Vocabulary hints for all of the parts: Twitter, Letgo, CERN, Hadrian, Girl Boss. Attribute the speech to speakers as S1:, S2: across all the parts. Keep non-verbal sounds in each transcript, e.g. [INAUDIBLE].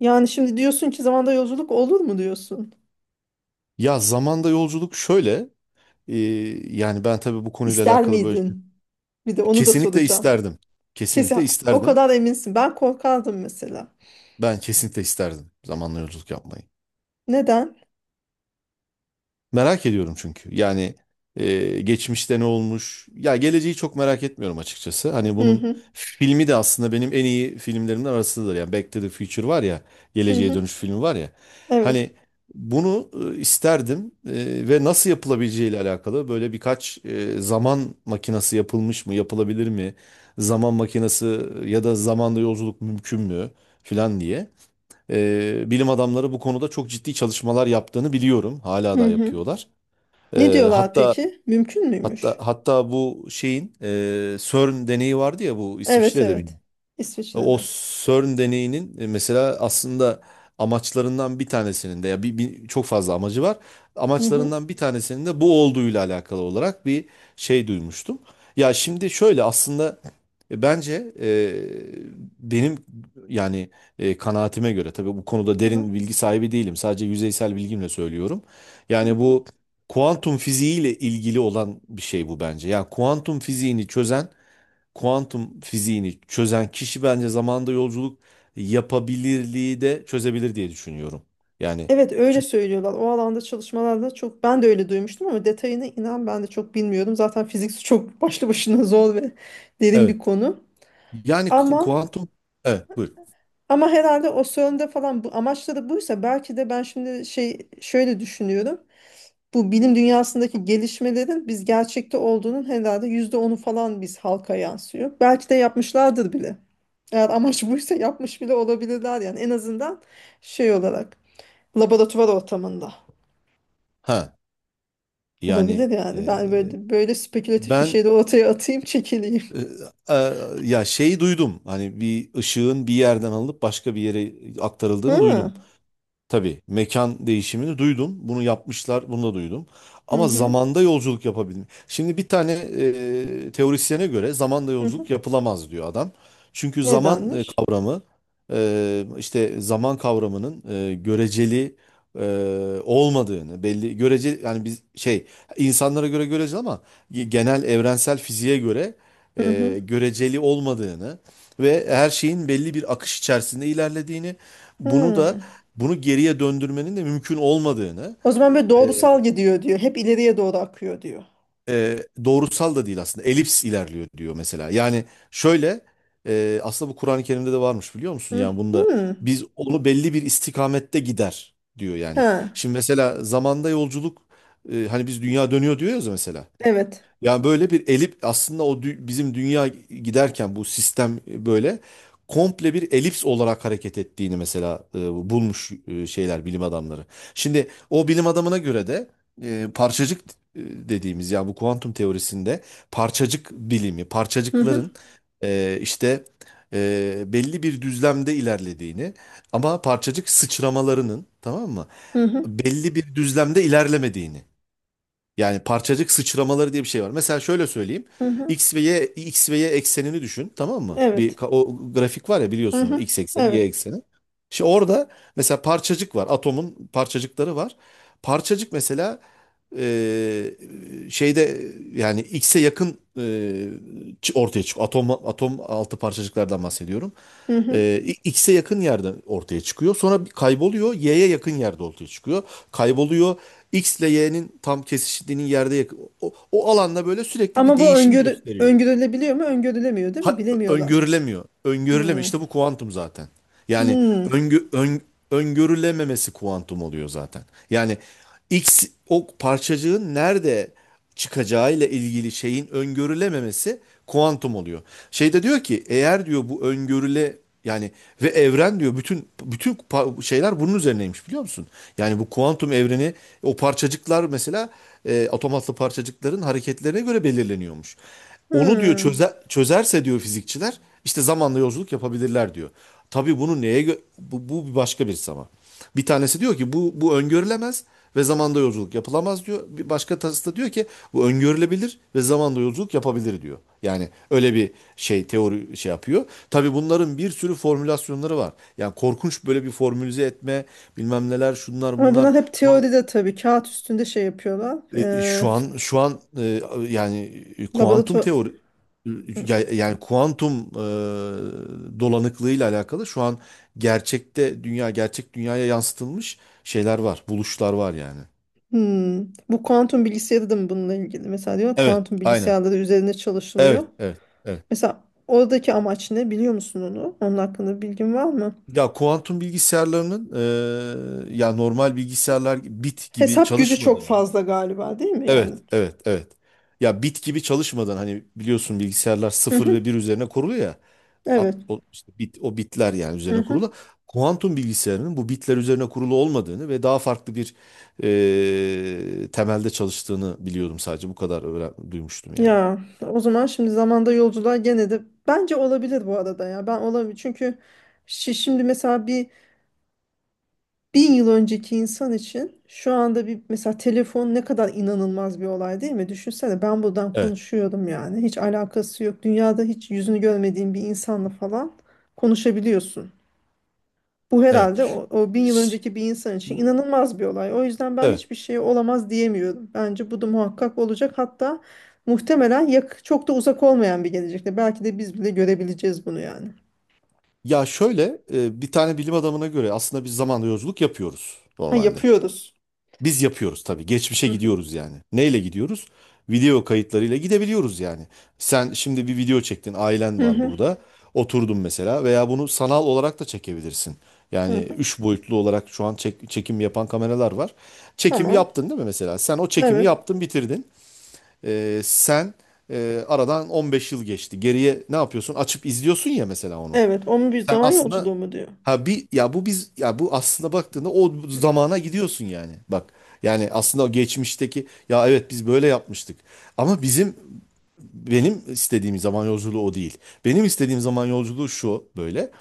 S1: Yani şimdi diyorsun ki zamanda yolculuk olur mu diyorsun?
S2: Ya zamanda yolculuk şöyle, e, yani ben tabii bu konuyla
S1: İster
S2: alakalı böyle
S1: miydin? Bir de onu da
S2: kesinlikle
S1: soracağım.
S2: isterdim.
S1: Kesin
S2: Kesinlikle
S1: o
S2: isterdim.
S1: kadar eminsin. Ben korkardım mesela.
S2: Ben kesinlikle isterdim zamanla yolculuk yapmayı.
S1: Neden?
S2: Merak ediyorum çünkü. Yani geçmişte ne olmuş? Ya geleceği çok merak etmiyorum açıkçası. Hani
S1: Hı
S2: bunun
S1: hı
S2: filmi de aslında benim en iyi filmlerimden arasındadır. Yani Back to the Future var ya,
S1: hı
S2: Geleceğe
S1: hı.
S2: Dönüş filmi var ya.
S1: Evet.
S2: Hani bunu isterdim ve nasıl yapılabileceğiyle alakalı böyle birkaç zaman makinesi yapılmış mı, yapılabilir mi? Zaman makinesi ya da zamanda yolculuk mümkün mü filan diye. Bilim adamları bu konuda çok ciddi çalışmalar yaptığını biliyorum. Hala
S1: Hı
S2: da
S1: hı.
S2: yapıyorlar.
S1: Ne
S2: Ee,
S1: diyorlar
S2: hatta
S1: peki? Mümkün
S2: hatta
S1: müymüş?
S2: hatta bu şeyin CERN deneyi vardı ya, bu
S1: Evet
S2: İsviçre'de mi?
S1: evet.
S2: O
S1: İsviçre'de.
S2: CERN deneyinin mesela aslında amaçlarından bir tanesinin de ya çok fazla amacı var.
S1: Hı hı
S2: Amaçlarından bir tanesinin de bu olduğuyla alakalı olarak bir şey duymuştum. Ya şimdi şöyle aslında bence benim yani kanaatime göre tabii bu konuda
S1: hı hı.
S2: derin bilgi sahibi değilim. Sadece yüzeysel bilgimle söylüyorum.
S1: Hı
S2: Yani
S1: hı.
S2: bu kuantum fiziğiyle ilgili olan bir şey bu bence. Yani kuantum fiziğini çözen kişi bence zamanda yolculuk yapabilirliği de çözebilir diye düşünüyorum. Yani
S1: Evet, öyle
S2: çünkü-
S1: söylüyorlar. O alanda çalışmalarda çok ben de öyle duymuştum ama detayını inan ben de çok bilmiyorum. Zaten fizik çok başlı başına zor ve derin bir
S2: evet.
S1: konu.
S2: Yani
S1: Ama
S2: kuantum, evet buyur.
S1: Ama herhalde o sorunda falan bu amaçları buysa belki de ben şimdi şey şöyle düşünüyorum. Bu bilim dünyasındaki gelişmelerin biz gerçekte olduğunun herhalde %10'u falan biz halka yansıyor. Belki de yapmışlardır bile. Eğer amaç [LAUGHS] buysa yapmış bile olabilirler yani en azından şey olarak laboratuvar ortamında
S2: Ha yani
S1: olabilir yani. Ben
S2: e,
S1: böyle böyle spekülatif bir
S2: ben
S1: şey de ortaya atayım çekileyim.
S2: e, e, ya şeyi duydum. Hani bir ışığın bir yerden alınıp başka bir yere
S1: Hı
S2: aktarıldığını duydum.
S1: hı
S2: Tabii mekan değişimini duydum. Bunu yapmışlar, bunu da duydum. Ama
S1: hı
S2: zamanda yolculuk yapabilme. Şimdi bir tane teorisyene göre zamanda
S1: hı. Hı.
S2: yolculuk yapılamaz diyor adam. Çünkü zaman
S1: Nedenmiş?
S2: kavramı işte zaman kavramının göreceli olmadığını, belli göreceli yani biz şey, insanlara göre göreceli ama genel evrensel fiziğe göre
S1: Hı hı.
S2: göreceli olmadığını ve her şeyin belli bir akış içerisinde ilerlediğini, bunu da
S1: Hı.
S2: geriye döndürmenin de mümkün olmadığını.
S1: O zaman böyle
S2: e,
S1: doğrusal gidiyor diyor. Hep ileriye doğru akıyor diyor.
S2: e, doğrusal da değil aslında, elips ilerliyor diyor mesela. Yani şöyle aslında bu Kur'an-ı Kerim'de de varmış, biliyor musun?
S1: Hı
S2: Yani bunda
S1: hı.
S2: biz onu belli bir istikamette gider diyor yani.
S1: Ha.
S2: Şimdi mesela zamanda yolculuk, hani biz dünya dönüyor diyoruz ya mesela.
S1: Evet.
S2: Yani böyle bir elip aslında bizim dünya giderken bu sistem böyle komple bir elips olarak hareket ettiğini mesela bulmuş şeyler, bilim adamları. Şimdi o bilim adamına göre de parçacık e, dediğimiz, yani bu kuantum teorisinde parçacık bilimi,
S1: Hı
S2: parçacıkların
S1: hı.
S2: e, işte belli bir düzlemde ilerlediğini ama parçacık sıçramalarının, tamam mı,
S1: Hı hı.
S2: belli bir düzlemde ilerlemediğini. Yani parçacık sıçramaları diye bir şey var. Mesela şöyle söyleyeyim.
S1: Hı hı.
S2: X ve Y, X ve Y eksenini düşün, tamam mı?
S1: Evet.
S2: O grafik var ya,
S1: Hı
S2: biliyorsunuz,
S1: hı.
S2: X ekseni, Y
S1: Evet.
S2: ekseni. Şimdi orada mesela parçacık var. Atomun parçacıkları var. Parçacık mesela e, şeyde, yani X'e yakın ortaya çıkıyor. Atom, atom altı parçacıklardan bahsediyorum.
S1: Hı hı.
S2: Ee, X'e yakın yerde ortaya çıkıyor. Sonra bir kayboluyor. Y'ye yakın yerde ortaya çıkıyor. Kayboluyor. X ile Y'nin tam kesiştiğinin yerde yakın. O alanda böyle sürekli bir
S1: Ama bu
S2: değişim
S1: öngörü
S2: gösteriyor.
S1: öngörülebiliyor mu? Öngörülemiyor değil mi? Bilemiyorlar.
S2: Öngörülemiyor. Öngörülemiyor.
S1: Hı.
S2: İşte bu kuantum zaten. Yani
S1: Hı.
S2: öngö- ön- öngörülememesi kuantum oluyor zaten. Yani X, o parçacığın nerede çıkacağı ile ilgili şeyin öngörülememesi kuantum oluyor. Şeyde diyor ki, eğer diyor bu öngörüle, yani ve evren diyor bütün şeyler bunun üzerineymiş, biliyor musun? Yani bu kuantum evreni, o parçacıklar mesela atom altı parçacıkların hareketlerine göre belirleniyormuş. Onu diyor
S1: Hı.
S2: çözerse diyor fizikçiler, işte zamanla yolculuk yapabilirler diyor. Tabii bunu bu, bu başka bir zaman. Bir tanesi diyor ki bu öngörülemez ve zamanda yolculuk yapılamaz diyor. Bir başka tasarısı diyor ki bu öngörülebilir ve zamanda yolculuk yapabilir diyor. Yani öyle bir şey, teori şey yapıyor. Tabii bunların bir sürü formülasyonları var. Yani korkunç böyle bir formülize etme, bilmem neler, şunlar
S1: Ama
S2: bunlar.
S1: bunlar hep teoride tabii. Kağıt üstünde şey yapıyorlar.
S2: Şu an yani kuantum
S1: Laboratuvar.
S2: teori, yani kuantum dolanıklığıyla alakalı şu an gerçekte gerçek dünyaya yansıtılmış şeyler var, buluşlar var yani.
S1: Hmm. Bu kuantum bilgisayarı da mı bununla ilgili? Mesela diyor
S2: Evet,
S1: kuantum
S2: aynen.
S1: bilgisayarları üzerine çalışılıyor.
S2: Evet, evet, evet.
S1: Mesela oradaki amaç ne biliyor musun onu? Onun hakkında bilgin var mı?
S2: Ya kuantum bilgisayarlarının, ya normal bilgisayarlar bit gibi
S1: Hesap gücü çok
S2: çalışmadığını.
S1: fazla galiba değil mi yani?
S2: Evet, evet, evet. Ya bit gibi çalışmadan, hani biliyorsun bilgisayarlar
S1: Hı
S2: sıfır ve
S1: hı,
S2: bir üzerine kuruluyor ya. At,
S1: evet.
S2: o, işte bit, o bitler yani
S1: Hı
S2: üzerine
S1: hı.
S2: kurulu. Kuantum bilgisayarının bu bitler üzerine kurulu olmadığını ve daha farklı bir temelde çalıştığını biliyordum, sadece bu kadar duymuştum yani.
S1: Ya o zaman şimdi zamanda yolculuğa gene de bence olabilir bu arada ya. Ben olabilir çünkü şimdi mesela bir 1.000 yıl önceki insan için şu anda bir mesela telefon ne kadar inanılmaz bir olay değil mi? Düşünsene ben buradan
S2: Evet,
S1: konuşuyorum yani hiç alakası yok. Dünyada hiç yüzünü görmediğin bir insanla falan konuşabiliyorsun. Bu herhalde
S2: evet.
S1: o 1.000 yıl
S2: Ş-
S1: önceki bir insan için inanılmaz bir olay. O yüzden ben
S2: Evet.
S1: hiçbir şey olamaz diyemiyorum. Bence bu da muhakkak olacak. Hatta muhtemelen çok da uzak olmayan bir gelecekte. Belki de biz bile görebileceğiz bunu yani.
S2: Ya şöyle bir tane bilim adamına göre aslında biz zaman yolculuk yapıyoruz
S1: Ha,
S2: normalde.
S1: yapıyoruz.
S2: Biz yapıyoruz tabii. Geçmişe
S1: Hı hı.
S2: gidiyoruz yani. Neyle gidiyoruz? Video kayıtlarıyla gidebiliyoruz yani. Sen şimdi bir video çektin, ailen
S1: Hı
S2: var
S1: hı.
S2: burada. Oturdun mesela, veya bunu sanal olarak da çekebilirsin.
S1: Hı
S2: Yani
S1: hı.
S2: üç boyutlu olarak şu an çekim yapan kameralar var. Çekimi
S1: Tamam.
S2: yaptın değil mi mesela? Sen o çekimi
S1: Evet.
S2: yaptın, bitirdin. Sen aradan 15 yıl geçti. Geriye ne yapıyorsun? Açıp izliyorsun ya mesela onu.
S1: Evet. Onun bir
S2: Sen
S1: zaman
S2: aslında,
S1: yolculuğu mu diyor.
S2: Ha bir, ya bu biz ya bu aslında baktığında o zamana gidiyorsun yani. Bak, yani aslında o geçmişteki, ya evet biz böyle yapmıştık. Ama benim istediğim zaman yolculuğu o değil. Benim istediğim zaman yolculuğu şu böyle.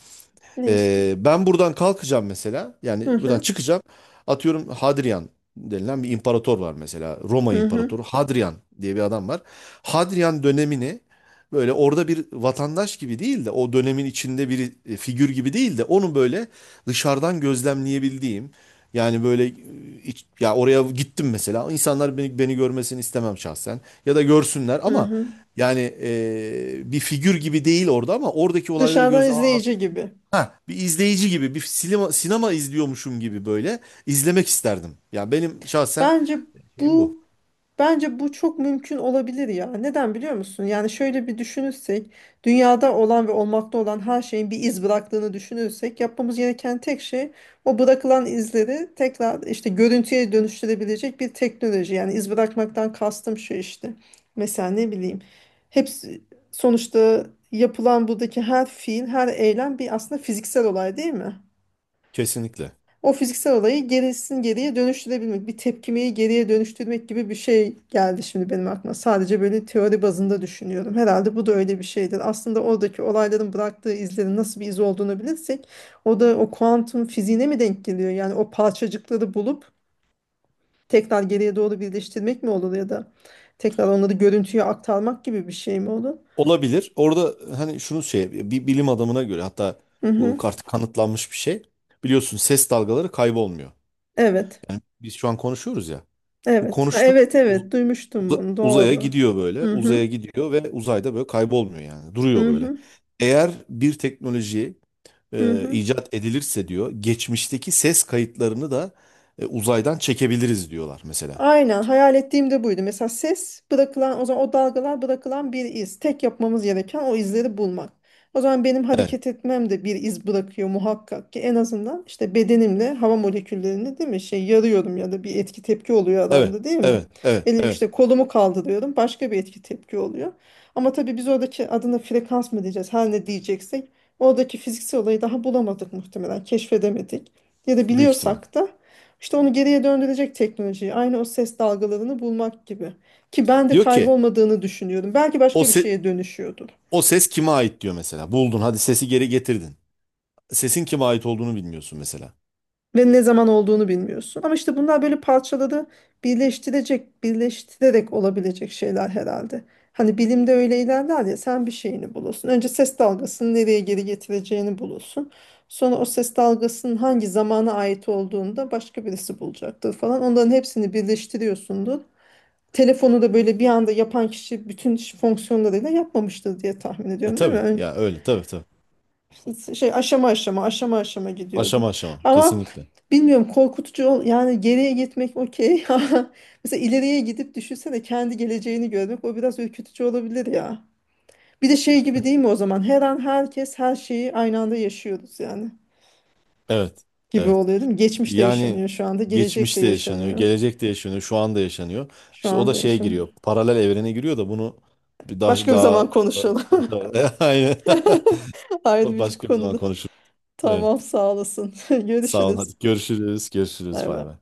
S1: Ne istiyorsun?
S2: Ben buradan kalkacağım mesela.
S1: Hı
S2: Yani buradan
S1: hı.
S2: çıkacağım. Atıyorum Hadrian denilen bir imparator var mesela. Roma
S1: Hı hı.
S2: imparatoru Hadrian diye bir adam var. Hadrian dönemini böyle orada bir vatandaş gibi değil de, o dönemin içinde bir figür gibi değil de, onu böyle dışarıdan gözlemleyebildiğim, yani böyle ya oraya gittim mesela, insanlar beni görmesini istemem şahsen, ya da görsünler,
S1: Hı
S2: ama
S1: hı.
S2: yani bir figür gibi değil orada, ama oradaki olayları
S1: Dışarıdan
S2: göz, Aa,
S1: izleyici gibi.
S2: ha, bir izleyici gibi, sinema izliyormuşum gibi böyle izlemek isterdim. Yani benim şahsen
S1: Bence
S2: şeyim bu.
S1: bu bence bu çok mümkün olabilir ya. Neden biliyor musun? Yani şöyle bir düşünürsek, dünyada olan ve olmakta olan her şeyin bir iz bıraktığını düşünürsek, yapmamız gereken tek şey o bırakılan izleri tekrar işte görüntüye dönüştürebilecek bir teknoloji. Yani iz bırakmaktan kastım şu işte. Mesela ne bileyim. Hepsi sonuçta yapılan buradaki her fiil, her eylem bir aslında fiziksel olay değil mi?
S2: Kesinlikle.
S1: O fiziksel olayı gerisin geriye dönüştürebilmek, bir tepkimeyi geriye dönüştürmek gibi bir şey geldi şimdi benim aklıma. Sadece böyle teori bazında düşünüyorum. Herhalde bu da öyle bir şeydir. Aslında oradaki olayların bıraktığı izlerin nasıl bir iz olduğunu bilirsek, o da o kuantum fiziğine mi denk geliyor? Yani o parçacıkları bulup tekrar geriye doğru birleştirmek mi olur ya da tekrar onları görüntüye aktarmak gibi bir şey mi olur?
S2: Olabilir. Orada hani şunu şey, bir bilim adamına göre hatta
S1: Hı
S2: bu
S1: hı.
S2: artık kanıtlanmış bir şey. Biliyorsun ses dalgaları kaybolmuyor.
S1: Evet.
S2: Yani biz şu an konuşuyoruz ya. Bu
S1: Evet. Ha, evet, evet. Duymuştum bunu.
S2: uzaya
S1: Doğru.
S2: gidiyor böyle.
S1: Hı hı.
S2: Uzaya gidiyor ve uzayda böyle kaybolmuyor yani. Duruyor
S1: Hı
S2: böyle.
S1: hı.
S2: Eğer bir teknolojiyi
S1: Hı hı.
S2: icat edilirse diyor, geçmişteki ses kayıtlarını da uzaydan çekebiliriz diyorlar mesela.
S1: Aynen hayal ettiğim de buydu. Mesela ses bırakılan o zaman o dalgalar bırakılan bir iz. Tek yapmamız gereken o izleri bulmak. O zaman benim
S2: Evet,
S1: hareket etmem de bir iz bırakıyor muhakkak ki en azından işte bedenimle hava moleküllerini değil mi şey yarıyorum ya da bir etki tepki oluyor
S2: evet,
S1: adamda değil mi?
S2: evet, evet, evet.
S1: İşte kolumu kaldırıyorum başka bir etki tepki oluyor. Ama tabii biz oradaki adına frekans mı diyeceğiz her ne diyeceksek oradaki fiziksel olayı daha bulamadık muhtemelen keşfedemedik. Ya da
S2: Büyük ihtimal.
S1: biliyorsak da işte onu geriye döndürecek teknolojiyi. Aynı o ses dalgalarını bulmak gibi. Ki ben de
S2: Diyor ki
S1: kaybolmadığını düşünüyorum. Belki
S2: o
S1: başka bir
S2: se-
S1: şeye dönüşüyordur.
S2: o ses kime ait diyor mesela. Buldun, hadi sesi geri getirdin. Sesin kime ait olduğunu bilmiyorsun mesela.
S1: Ve ne zaman olduğunu bilmiyorsun. Ama işte bunlar böyle parçaladı, birleştirecek, birleştirerek olabilecek şeyler herhalde. Hani bilimde öyle ilerler ya sen bir şeyini bulursun. Önce ses dalgasını nereye geri getireceğini bulursun. Sonra o ses dalgasının hangi zamana ait olduğunu da başka birisi bulacaktır falan. Onların hepsini birleştiriyorsundur. Telefonu da böyle bir anda yapan kişi bütün fonksiyonlarıyla yapmamıştır diye tahmin
S2: E
S1: ediyorum değil mi?
S2: tabii ya, öyle, tabii tabii.
S1: Şey aşama aşama aşama aşama gidiyordu.
S2: Aşama aşama,
S1: Ama
S2: kesinlikle.
S1: bilmiyorum korkutucu yani geriye gitmek okey. [LAUGHS] Mesela ileriye gidip düşünsene kendi geleceğini görmek o biraz ürkütücü olabilir ya. Bir de şey gibi değil mi o zaman? Her an herkes her şeyi aynı anda yaşıyoruz yani.
S2: Evet.
S1: Gibi
S2: Evet.
S1: oluyor değil mi? Geçmiş de
S2: Yani
S1: yaşanıyor şu anda, gelecek de
S2: geçmişte yaşanıyor,
S1: yaşanıyor.
S2: gelecekte yaşanıyor, şu anda yaşanıyor.
S1: Şu
S2: İşte o da
S1: anda
S2: şeye
S1: yaşanıyor.
S2: giriyor, paralel evrene giriyor, da bunu bir
S1: Başka bir
S2: daha
S1: zaman konuşalım.
S2: [LAUGHS] aynen
S1: [LAUGHS]
S2: [LAUGHS]
S1: Ayrı bir
S2: başka bir zaman
S1: konuda.
S2: konuşuruz.
S1: Tamam
S2: Evet.
S1: sağ olasın. [LAUGHS]
S2: Sağ ol.
S1: Görüşürüz.
S2: Hadi görüşürüz.
S1: Bay
S2: Görüşürüz. Bay
S1: bay.
S2: bay.